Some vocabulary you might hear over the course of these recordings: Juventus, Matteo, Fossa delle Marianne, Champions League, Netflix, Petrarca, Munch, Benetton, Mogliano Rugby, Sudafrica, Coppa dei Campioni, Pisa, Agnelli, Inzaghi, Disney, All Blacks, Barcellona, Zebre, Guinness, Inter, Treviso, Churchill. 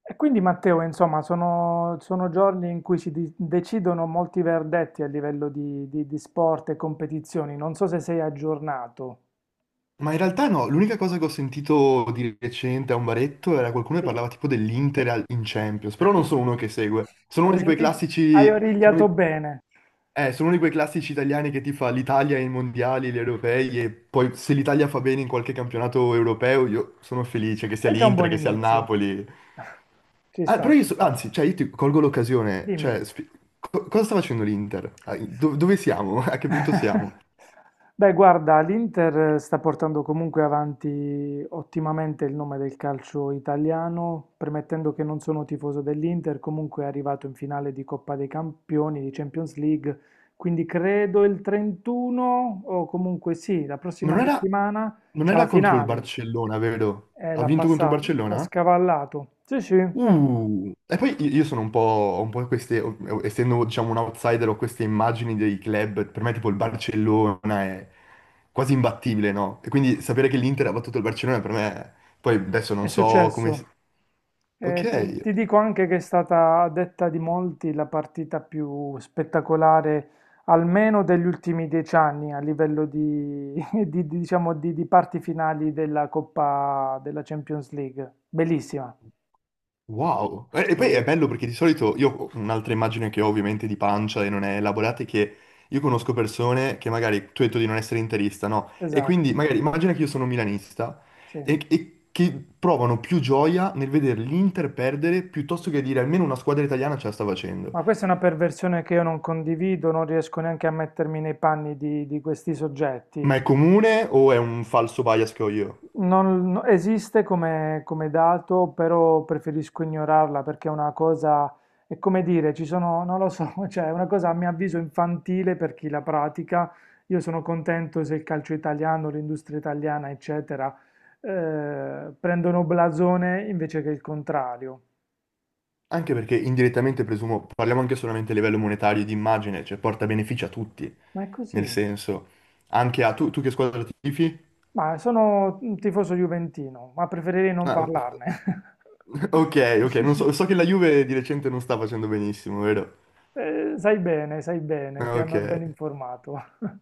E quindi Matteo, insomma, sono giorni in cui decidono molti verdetti a livello di sport e competizioni. Non so se sei aggiornato. Ma in realtà no, l'unica cosa che ho sentito di recente a un baretto era qualcuno che Sì. parlava tipo dell'Inter in Champions, però non sono uno che segue, sono Hai uno di quei sentito? Hai classici, origliato bene. Sono uno di quei classici italiani che ti fa l'Italia ai mondiali, gli europei e poi se l'Italia fa bene in qualche campionato europeo io sono felice, che sia È già un l'Inter, buon che sia il inizio. Napoli. Ci Ah, però sta, io, ci sta. anzi, cioè io ti colgo l'occasione, cioè, Dimmi. Cosa sta facendo l'Inter? Ah, dove siamo? A che punto siamo? Beh, guarda, l'Inter sta portando comunque avanti ottimamente il nome del calcio italiano, premettendo che non sono tifoso dell'Inter, comunque è arrivato in finale di Coppa dei Campioni, di Champions League, quindi credo il 31 o comunque sì, la prossima Non era, settimana non c'è la era contro il finale. Barcellona, vero? Ha L'ha vinto contro il passato, l'ha Barcellona? scavallato. Sì, sì. E poi io sono un po', ho un po' queste, essendo diciamo un outsider, ho queste immagini dei club, per me tipo il Barcellona è quasi imbattibile, no? E quindi sapere che l'Inter ha battuto il Barcellona per me, poi adesso È non so come... successo. Ti, Ok. ti dico anche che è stata, a detta di molti, la partita più spettacolare, almeno degli ultimi 10 anni, a livello di, diciamo, di parti finali della Coppa della Champions League. Bellissima. Wow! E poi è Sì. bello perché di solito io ho un'altra immagine che ho ovviamente di pancia e non è elaborata, è che io conosco persone che magari, tu hai detto di non essere interista, no? E Esatto, quindi magari immagina che io sono milanista sì. e che provano più gioia nel vedere l'Inter perdere piuttosto che dire almeno una squadra italiana ce la sta facendo. Ma questa è una perversione che io non condivido, non riesco neanche a mettermi nei panni di questi soggetti. Ma è comune o è un falso bias che ho io? Non, no- Esiste come, come dato, però preferisco ignorarla perché è una cosa, è come dire, ci sono, non lo so, cioè è una cosa a mio avviso infantile per chi la pratica. Io sono contento se il calcio italiano, l'industria italiana, eccetera, prendono blasone invece che il contrario. Anche perché indirettamente presumo, parliamo anche solamente a livello monetario e di immagine, cioè porta benefici a tutti, Ma è nel così, senso, anche a sì. tu che squadra tifi? Ma sono un tifoso juventino, ma preferirei non Ah, parlarne. ok, ok, non so, so che la Juve di recente non sta facendo benissimo, vero? Sai bene, Ah, ti ok. hanno ben informato.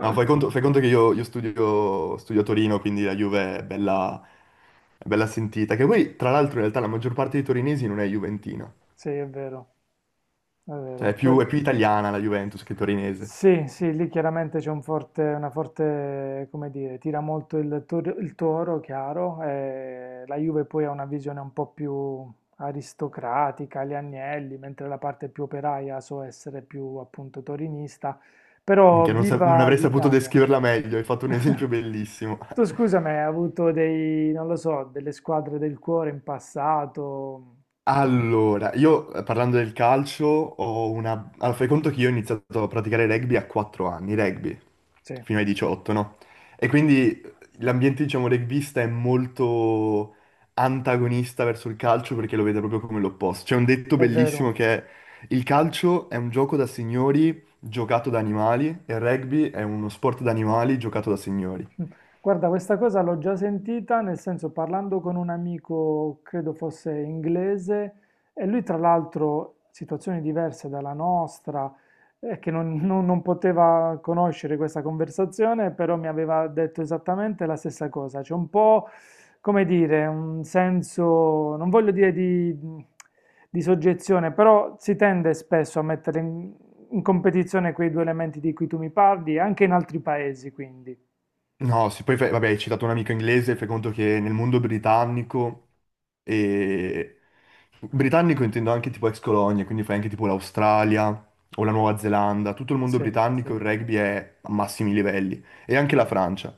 No, fai conto che io studio a Torino, quindi la Juve è bella sentita. Che poi, tra l'altro, in realtà la maggior parte dei torinesi non è juventina. Sì, è vero. È Cioè, vero, è più italiana la Juventus che torinese. sì, sì, lì chiaramente c'è un forte, una forte, come dire, tira molto il Toro, chiaro, e la Juve poi ha una visione un po' più aristocratica, gli Agnelli, mentre la parte più operaia so essere più appunto torinista, però Minchia, non viva avrei saputo l'Italia! descriverla meglio, hai fatto un esempio bellissimo. Tu scusami, hai avuto dei, non lo so, delle squadre del cuore in passato? Allora, io parlando del calcio ho una... Allora, fai conto che io ho iniziato a praticare rugby a 4 anni, rugby, Sì, fino ai 18, no? E quindi l'ambiente, diciamo, rugbista è molto antagonista verso il calcio perché lo vede proprio come l'opposto. C'è un detto è bellissimo, vero. che è: il calcio è un gioco da signori giocato da animali e il rugby è uno sport da animali giocato da signori. Guarda, questa cosa l'ho già sentita, nel senso parlando con un amico, credo fosse inglese, e lui tra l'altro, situazioni diverse dalla nostra, che non, non- non poteva conoscere questa conversazione, però mi aveva detto esattamente la stessa cosa. C'è un po', come dire, un senso, non voglio dire di soggezione, però si tende spesso a mettere in competizione quei due elementi di cui tu mi parli, anche in altri paesi, quindi. No, sì, poi vabbè, hai citato un amico inglese, fai conto che nel mondo britannico, e... britannico intendo anche tipo ex colonia, quindi fai anche tipo l'Australia o la Nuova Zelanda, tutto il mondo Sì, sì, britannico il rugby è a massimi livelli, e anche la Francia.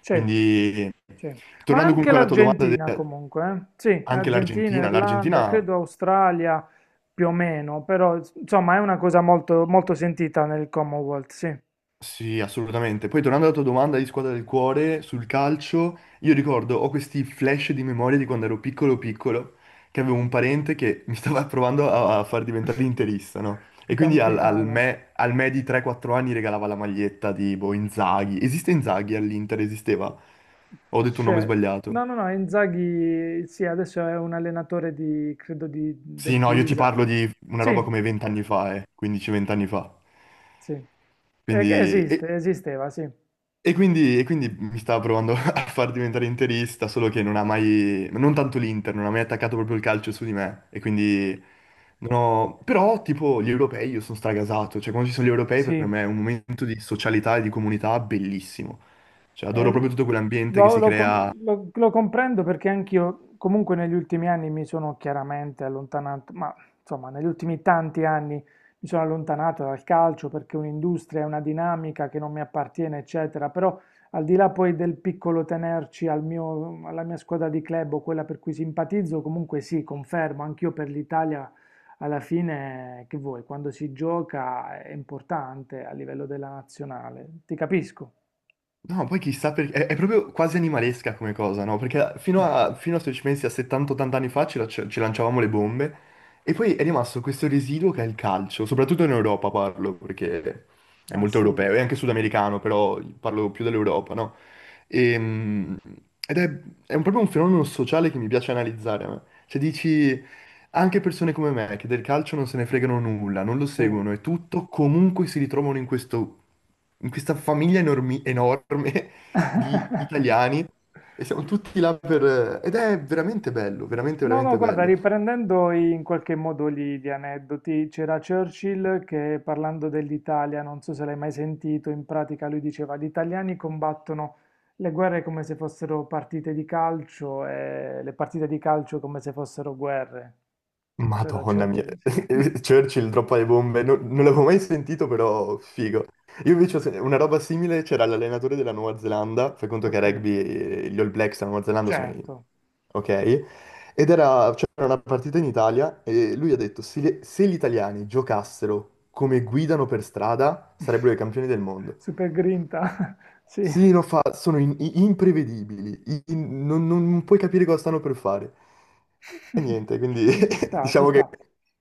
sì, Quindi, sì. Ma tornando anche comunque alla tua domanda, l'Argentina comunque, eh. Sì, anche Argentina, l'Argentina, Irlanda, l'Argentina credo Australia più o meno, però insomma è una cosa molto, molto sentita nel Commonwealth, sì. Sì, assolutamente. Poi tornando alla tua domanda di squadra del cuore sul calcio, io ricordo, ho questi flash di memoria di quando ero piccolo piccolo, che avevo un parente che mi stava provando a far diventare interista, no? Ti E quindi al, al tampinava. me, al me di 3-4 anni regalava la maglietta di boh, Inzaghi. Esiste Inzaghi all'Inter? Esisteva? Ho detto un nome Cioè, sbagliato. no, no, no, Inzaghi, sì, adesso è un allenatore di, credo, di, Sì, del no, io ti Pisa. parlo di una Sì, roba come 20 anni fa, 15-20 anni fa. sì. Che Quindi, e esiste, esisteva, sì. quindi. E quindi, mi stava provando a far diventare interista, solo che non ha mai, non tanto l'Inter, non ha mai attaccato proprio il calcio su di me. E quindi non ho- però tipo gli europei io sono stragasato, cioè quando ci sono gli europei per Sì. me è un momento di socialità e di comunità bellissimo. Cioè adoro proprio Eh, tutto quell'ambiente che lo, si lo com- crea. lo- lo comprendo perché anch'io, comunque negli ultimi anni mi sono chiaramente allontanato, ma insomma negli ultimi tanti anni mi sono allontanato dal calcio perché è un'industria, è una dinamica che non mi appartiene, eccetera, però al di là poi del piccolo tenerci alla mia squadra di club o quella per cui simpatizzo, comunque sì, confermo, anch'io per l'Italia alla fine, che vuoi, quando si gioca è importante a livello della nazionale, ti capisco. No, poi chissà perché... È proprio quasi animalesca come cosa, no? Perché fino a, se ci pensi, a 70-80 anni fa ci lanciavamo le bombe e poi è rimasto questo residuo che è il calcio, soprattutto in Europa, parlo, perché è Ma molto sì, europeo e anche sudamericano, però parlo più dell'Europa, no? Ehm, ed è proprio un fenomeno sociale che mi piace analizzare, a me. Cioè dici, anche persone come me che del calcio non se ne fregano nulla, non lo sì. seguono e tutto, comunque si ritrovano in questo in questa famiglia enorme di italiani, e siamo tutti là per... ed è veramente bello, veramente, No, no, veramente guarda, bello. riprendendo in qualche modo gli, gli aneddoti, c'era Churchill che parlando dell'Italia, non so se l'hai mai sentito, in pratica lui diceva gli italiani combattono le guerre come se fossero partite di calcio e le partite di calcio come se fossero guerre. Questo era Madonna mia, Churchill, sì. Churchill droppa le bombe, non l'avevo mai sentito, però figo. Io invece ho una roba simile, c'era l'allenatore della Nuova Zelanda, fai conto che a Ok, rugby gli All Blacks della Nuova Zelanda sono i... certo. ok? C'era una partita in Italia e lui ha detto: se, gli italiani giocassero come guidano per strada sarebbero i campioni del mondo. Super grinta, sì. Sì, no, sono imprevedibili, non puoi capire cosa stanno per fare. E niente, quindi Ci sta, ci diciamo sta. che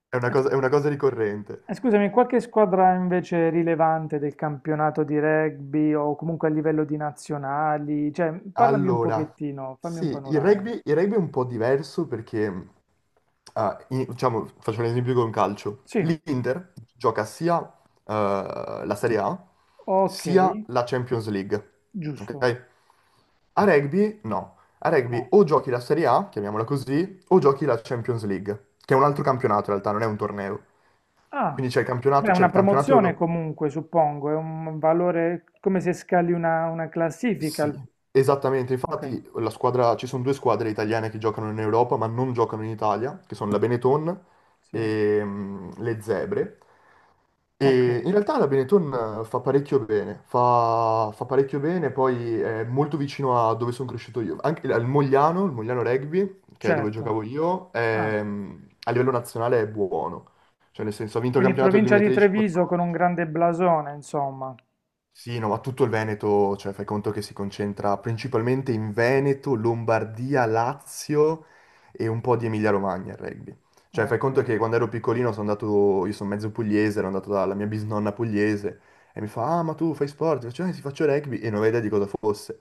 Eh, è scu- una cosa ricorrente. Scusami, qualche squadra invece rilevante del campionato di rugby o comunque a livello di nazionali? Cioè, parlami un Allora, pochettino, fammi un sì, panorama. Il rugby è un po' diverso perché, diciamo, faccio un esempio con calcio. Sì, L'Inter gioca sia eh, la Serie A ok, sia la Champions League, giusto. ok? A rugby no. A rugby No. o giochi la Serie A, chiamiamola così, o giochi la Champions League, che è un altro campionato in realtà, non è un torneo. Ah, Quindi beh, c'è una il campionato promozione europeo. comunque, suppongo, è un valore come se scali una Sì, classifica. esattamente. Ok, Infatti la squadra, ci sono due squadre italiane che giocano in Europa, ma non giocano in Italia, che sono la Benetton sì, e le Zebre. ok, E in realtà la Benetton fa parecchio bene, fa parecchio bene, poi è molto vicino a dove sono cresciuto io. Anche al Mogliano, il Mogliano Rugby, che è dove certo. giocavo io, Ah, a livello nazionale è buono. Cioè nel senso, ha vinto il quindi campionato del provincia di 2013-14. Treviso con un grande blasone, insomma. Sì, no, ma tutto il Veneto, cioè fai conto che si concentra principalmente in Veneto, Lombardia, Lazio e un po' di Emilia-Romagna, il rugby. Cioè fai conto Okay. che quando ero piccolino sono andato, io sono mezzo pugliese, ero andato dalla mia bisnonna pugliese e mi fa: ah, ma tu fai sport? Faccio, sì, faccio rugby, e non avevo idea di cosa fosse,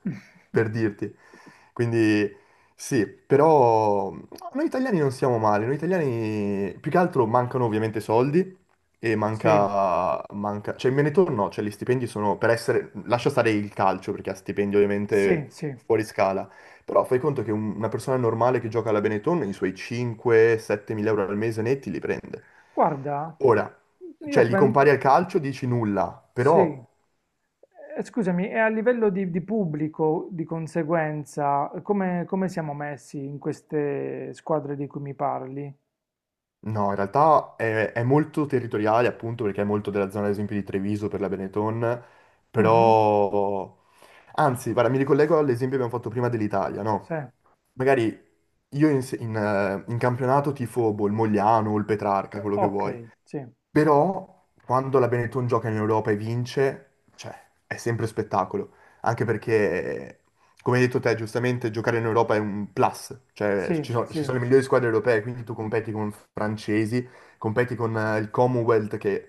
per dirti. Quindi sì, però no, noi italiani non siamo male, noi italiani più che altro mancano ovviamente soldi e Sì, manca, cioè il Benetton no, cioè gli stipendi sono, per essere, lascia stare il calcio perché ha stipendi sì, ovviamente sì. fuori scala, però fai conto che una persona normale che gioca alla Benetton i suoi 5-7 mila euro al mese netti li prende. Guarda, Ora, cioè io li pen compari al calcio, dici nulla, sì. però Scusami, e a livello di pubblico, di conseguenza, come come siamo messi in queste squadre di cui mi parli? no, in realtà è molto territoriale, appunto perché è molto della zona, ad esempio di Treviso per la Benetton, Mh-mh. però anzi, guarda, mi ricollego all'esempio che abbiamo fatto prima, dell'Italia, no? Sì. Magari io in, se- in, in campionato tifo boh, il Mogliano o il Petrarca, quello che vuoi, Okay, sì, però quando la Benetton gioca in Europa e vince, cioè, è sempre spettacolo, anche perché, come hai detto te, giustamente giocare in Europa è un plus, cioè sì, ci sono, ci sì. sono le migliori squadre europee, quindi tu competi con francesi, competi con il Commonwealth che...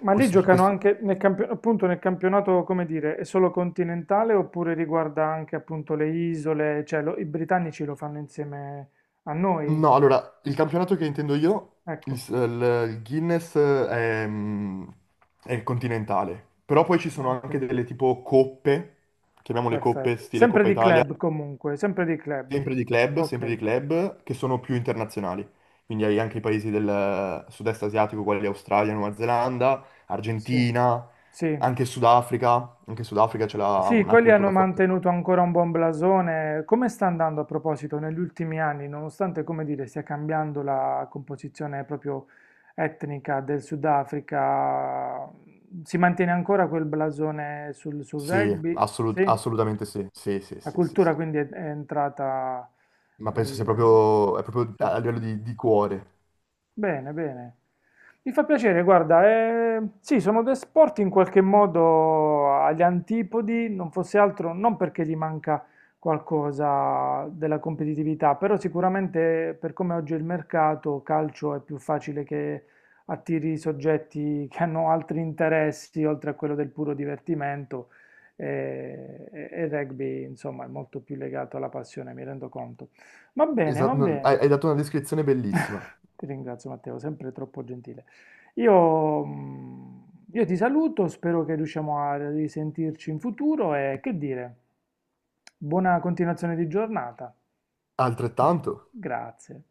Ma lì Questo, giocano questo anche appunto nel campionato, come dire, è solo continentale oppure riguarda anche appunto le isole, cioè i britannici lo fanno insieme a noi? no, allora, il campionato che intendo io, il, Ecco, s- il- il Guinness, è, mm, è continentale, però poi ci sono ok, anche delle tipo coppe, chiamiamole coppe, perfetto. stile Sempre Coppa di Italia, club comunque, sempre di club. Sempre di Ok, club, che sono più internazionali. Quindi hai anche i paesi del sud-est asiatico, quali Australia, Nuova Zelanda, sì, Argentina, sì. Anche Sudafrica ce l'ha Sì, una quelli hanno cultura forte. mantenuto ancora un buon blasone. Come sta andando a proposito negli ultimi anni, nonostante, come dire, stia cambiando la composizione proprio etnica del Sudafrica, si mantiene ancora quel blasone sul, sul Sì, rugby? Sì? assolutamente sì, sì, sì, La sì, sì. Sì. cultura quindi è entrata Ma nel... penso sia nel- proprio, è proprio sì. a livello di cuore. Bene, bene. Mi fa piacere, guarda, sì, sono due sport in qualche modo agli antipodi, non fosse altro, non perché gli manca qualcosa della competitività, però sicuramente per come oggi è il mercato, calcio è più facile che attiri soggetti che hanno altri interessi oltre a quello del puro divertimento e il rugby, insomma, è molto più legato alla passione, mi rendo conto. Va bene, va Esatto, hai, bene. hai dato una descrizione bellissima. Ti ringrazio Matteo, sempre troppo gentile. Io, mm, io ti saluto, spero che riusciamo a risentirci in futuro e che dire, buona continuazione di giornata. Altrettanto. Grazie.